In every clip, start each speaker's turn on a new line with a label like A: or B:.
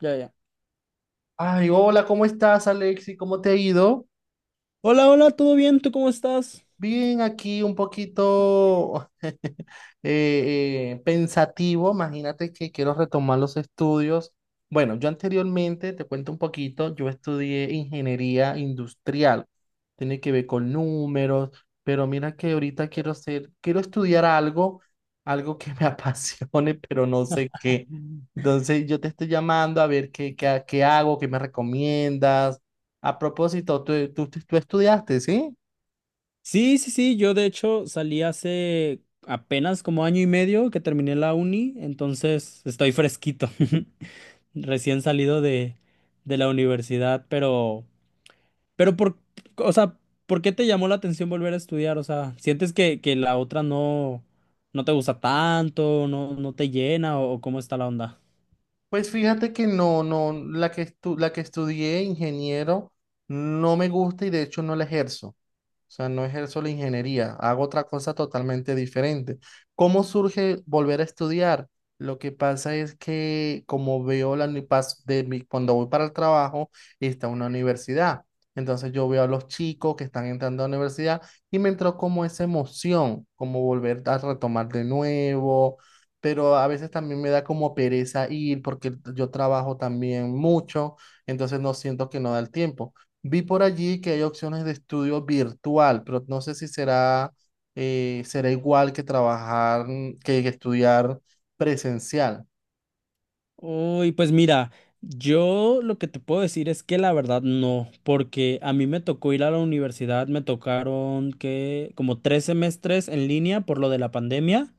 A: Ya, ya.
B: Ay, hola, ¿cómo estás, Alexi? ¿Cómo te ha ido?
A: Hola, hola, ¿todo bien? ¿Tú cómo estás?
B: Bien, aquí un poquito pensativo, imagínate que quiero retomar los estudios. Bueno, yo anteriormente, te cuento un poquito, yo estudié ingeniería industrial, tiene que ver con números, pero mira que ahorita quiero estudiar algo, algo que me apasione, pero no sé qué. Entonces yo te estoy llamando a ver qué hago, qué me recomiendas. A propósito, tú estudiaste, ¿sí?
A: Sí, sí, sí, yo de hecho salí hace apenas como año y medio que terminé la uni, entonces estoy fresquito, recién salido de la universidad, pero, pero por, o sea, ¿por qué te llamó la atención volver a estudiar? O sea, ¿sientes que la otra no, no te gusta tanto, no, no te llena o cómo está la onda?
B: Pues fíjate que no, no, la que estudié ingeniero no me gusta y de hecho no la ejerzo. O sea, no ejerzo la ingeniería, hago otra cosa totalmente diferente. ¿Cómo surge volver a estudiar? Lo que pasa es que como veo la uni- pas- de mi- cuando voy para el trabajo, está una universidad. Entonces yo veo a los chicos que están entrando a la universidad y me entró como esa emoción, como volver a retomar de nuevo, pero a veces también me da como pereza ir porque yo trabajo también mucho, entonces no siento que no da el tiempo. Vi por allí que hay opciones de estudio virtual, pero no sé si será, será igual que trabajar, que estudiar presencial.
A: Uy, pues mira, yo lo que te puedo decir es que la verdad no, porque a mí me tocó ir a la universidad, me tocaron que como tres semestres en línea por lo de la pandemia.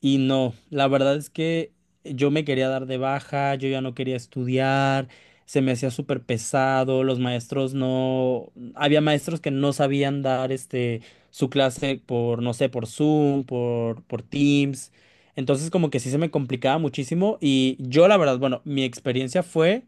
A: Y no, la verdad es que yo me quería dar de baja, yo ya no quería estudiar, se me hacía súper pesado, los maestros no, había maestros que no sabían dar este su clase por, no sé, por Zoom, por Teams. Entonces como que sí se me complicaba muchísimo y yo la verdad, bueno, mi experiencia fue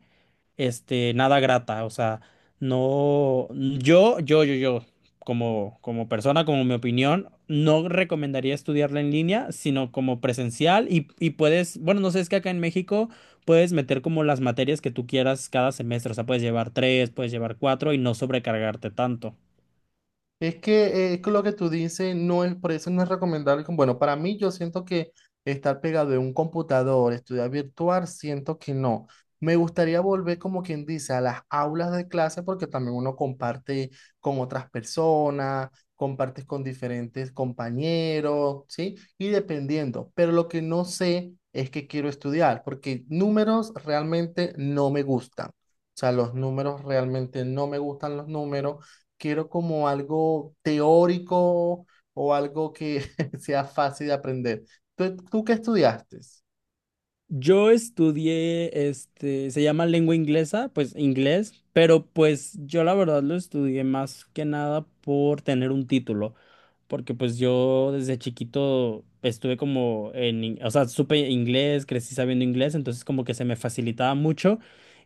A: este, nada grata. O sea, no, yo, como, como persona, como mi opinión, no recomendaría estudiarla en línea, sino como presencial y puedes, bueno, no sé, es que acá en México puedes meter como las materias que tú quieras cada semestre. O sea, puedes llevar tres, puedes llevar cuatro y no sobrecargarte tanto.
B: Es que, lo que tú dices no es, por eso no es recomendable. Bueno, para mí yo siento que estar pegado de un computador, estudiar virtual, siento que no. Me gustaría volver, como quien dice, a las aulas de clase porque también uno comparte con otras personas, compartes con diferentes compañeros, ¿sí? Y dependiendo. Pero lo que no sé es que quiero estudiar porque números realmente no me gustan. O sea, los números realmente no me gustan los números, quiero como algo teórico o algo que sea fácil de aprender. ¿Tú qué estudiaste?
A: Yo estudié, este, se llama lengua inglesa, pues inglés, pero pues yo la verdad lo estudié más que nada por tener un título. Porque pues yo desde chiquito estuve o sea, supe inglés, crecí sabiendo inglés, entonces como que se me facilitaba mucho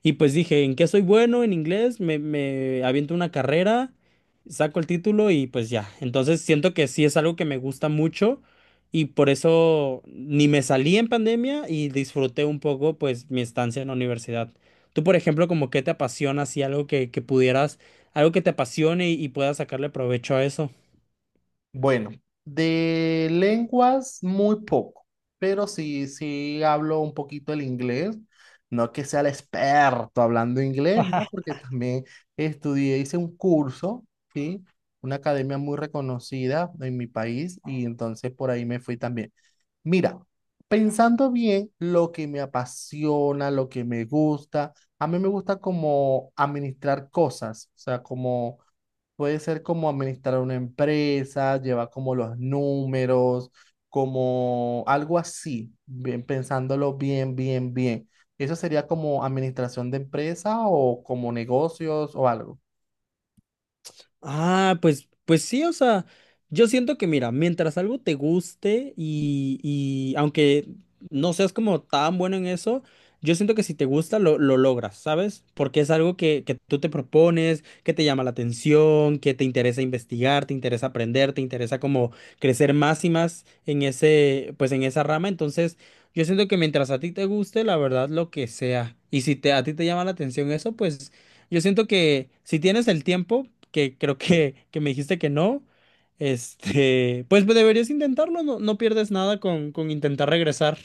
A: y pues dije, ¿en qué soy bueno en inglés? Me aviento una carrera, saco el título y pues ya. Entonces siento que sí es algo que me gusta mucho y por eso ni me salí en pandemia y disfruté un poco pues mi estancia en la universidad. Tú, por ejemplo, como qué te apasiona, así algo que pudieras, algo que te apasione y puedas sacarle provecho a eso.
B: Bueno, de lenguas muy poco, pero sí, sí hablo un poquito el inglés. No que sea el experto hablando inglés, ¿no? Porque también estudié, hice un curso, ¿sí? Una academia muy reconocida en mi país y entonces por ahí me fui también. Mira, pensando bien lo que me apasiona, lo que me gusta, a mí me gusta como administrar cosas, o sea, como puede ser como administrar una empresa, llevar como los números, como algo así, bien pensándolo bien, bien. ¿Eso sería como administración de empresa o como negocios o algo?
A: Ah, pues, pues sí, o sea, yo siento que mira, mientras algo te guste y aunque no seas como tan bueno en eso, yo siento que si te gusta lo logras, ¿sabes? Porque es algo que tú te propones, que te llama la atención, que te interesa investigar, te interesa aprender, te interesa como crecer más y más en ese, pues en esa rama. Entonces, yo siento que mientras a ti te guste, la verdad, lo que sea. Y si te, a ti te llama la atención eso, pues... Yo siento que si tienes el tiempo, que creo que me dijiste que no, este, pues deberías intentarlo, no, no pierdes nada con intentar regresar.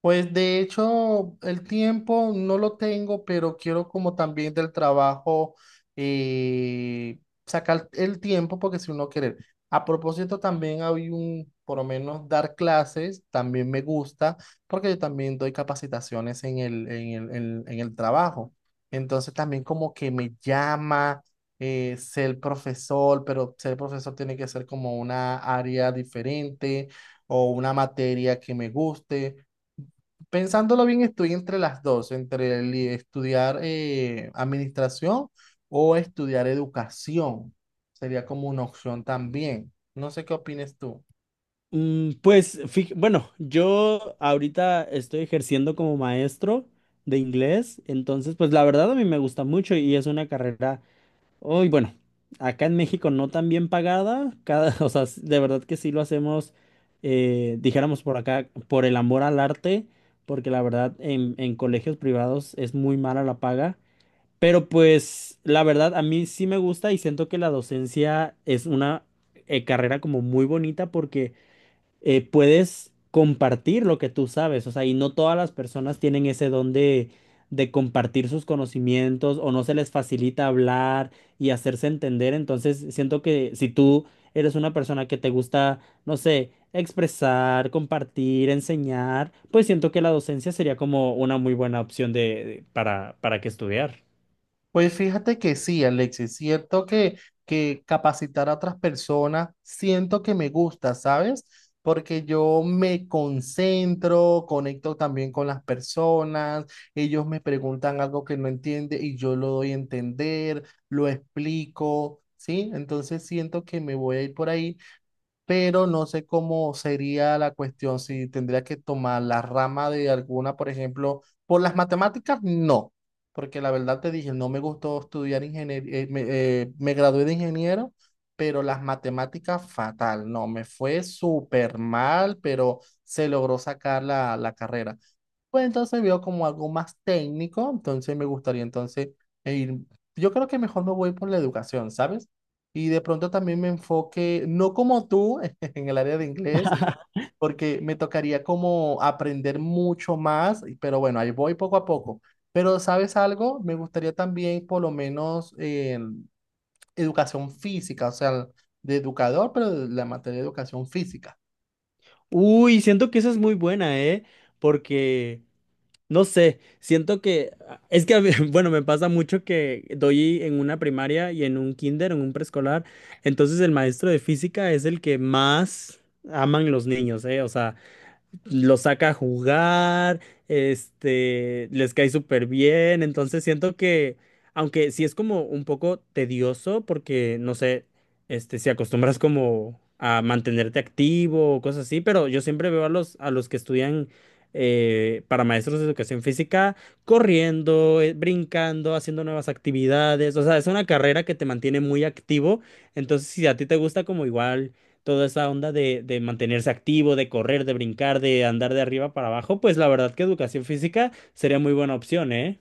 B: Pues de hecho, el tiempo no lo tengo, pero quiero como también del trabajo eh, sacar el tiempo porque si uno quiere. A propósito, también hay un, por lo menos dar clases, también me gusta porque yo también doy capacitaciones en el trabajo. Entonces también como que me llama ser profesor, pero ser profesor tiene que ser como una área diferente o una materia que me guste. Pensándolo bien, estoy entre las dos, entre el estudiar administración o estudiar educación. Sería como una opción también. No sé qué opines tú.
A: Pues, fij- bueno, yo ahorita estoy ejerciendo como maestro de inglés, entonces, pues la verdad a mí me gusta mucho y es una carrera. Uy, bueno, acá en México no tan bien pagada, cada, o sea, de verdad que sí lo hacemos, dijéramos por acá, por el amor al arte, porque la verdad en colegios privados es muy mala la paga, pero pues la verdad a mí sí me gusta y siento que la docencia es una carrera como muy bonita porque puedes compartir lo que tú sabes, o sea, y no todas las personas tienen ese don de compartir sus conocimientos o no se les facilita hablar y hacerse entender, entonces siento que si tú eres una persona que te gusta, no sé, expresar, compartir, enseñar, pues siento que la docencia sería como una muy buena opción de, para que estudiar.
B: Pues fíjate que sí, Alexis, siento que capacitar a otras personas, siento que me gusta, ¿sabes? Porque yo conecto también con las personas, ellos me preguntan algo que no entiende y yo lo doy a entender, lo explico, ¿sí? Entonces siento que me voy a ir por ahí, pero no sé cómo sería la cuestión, si tendría que tomar la rama de alguna, por ejemplo, por las matemáticas, no, porque la verdad te dije, no me gustó estudiar ingeniería, me gradué de ingeniero, pero las matemáticas fatal, no, me fue súper mal, pero se logró sacar la carrera. Pues entonces veo como algo más técnico, entonces me gustaría entonces eh, ir, yo creo que mejor me voy por la educación, ¿sabes? Y de pronto también me enfoque, no como tú, en el área de inglés, porque me tocaría como aprender mucho más, pero bueno, ahí voy poco a poco. Pero ¿sabes algo? Me gustaría también por lo menos educación física, o sea, de educador, pero de la materia de educación física.
A: Uy, siento que esa es muy buena, ¿eh? Porque... No sé, siento que ah, es que, a ve- bueno, me pasa mucho que doy en una primaria y en un kinder, en un preescolar, entonces el maestro de física es el que más aman los niños, ¿eh? O sea, los saca a jugar, este, les cae súper bien, entonces siento que, aunque sí es como un poco tedioso, porque no sé, este, si acostumbras como a mantenerte activo o cosas así, pero yo siempre veo a los que estudian para maestros de educación física corriendo, brincando, haciendo nuevas actividades, o sea, es una carrera que te mantiene muy activo, entonces si a ti te gusta como igual toda esa onda de mantenerse activo, de correr, de brincar, de andar de arriba para abajo, pues la verdad que educación física sería muy buena opción, ¿eh?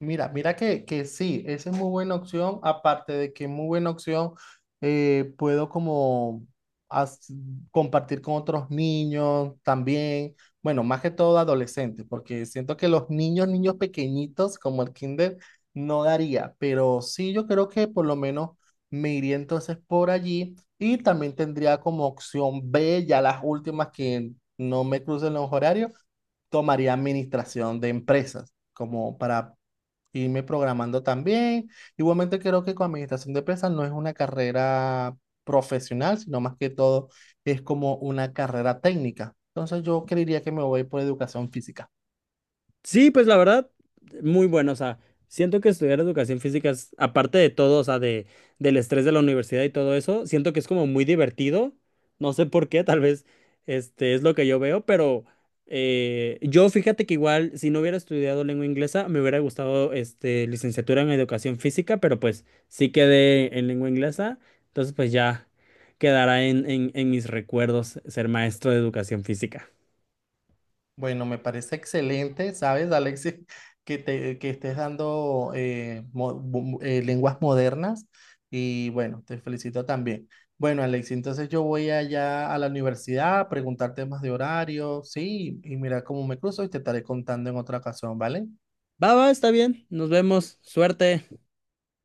B: Mira que sí, esa es muy buena opción, aparte de que es muy buena opción, puedo como as- compartir con otros niños también, bueno, más que todo adolescentes, porque siento que niños pequeñitos como el kinder, no daría, pero sí yo creo que por lo menos me iría entonces por allí y también tendría como opción B, ya las últimas que no me crucen los horarios, tomaría administración de empresas, como para irme programando también. Igualmente creo que con administración de empresas no es una carrera profesional, sino más que todo es como una carrera técnica. Entonces yo creería que me voy por educación física.
A: Sí, pues la verdad, muy bueno. O sea, siento que estudiar educación física es, aparte de todo, o sea, de, del estrés de la universidad y todo eso, siento que es como muy divertido. No sé por qué, tal vez este es lo que yo veo, pero yo fíjate que igual, si no hubiera estudiado lengua inglesa, me hubiera gustado este, licenciatura en educación física, pero pues sí quedé en lengua inglesa, entonces pues ya quedará en, en mis recuerdos ser maestro de educación física.
B: Bueno, me parece excelente, ¿sabes, Alexis? Que estés dando lenguas modernas y bueno, te felicito también. Bueno, Alexis, entonces yo voy allá a la universidad a preguntar temas de horario, sí, y mira cómo me cruzo y te estaré contando en otra ocasión, ¿vale?
A: Va, va, está bien. Nos vemos. Suerte.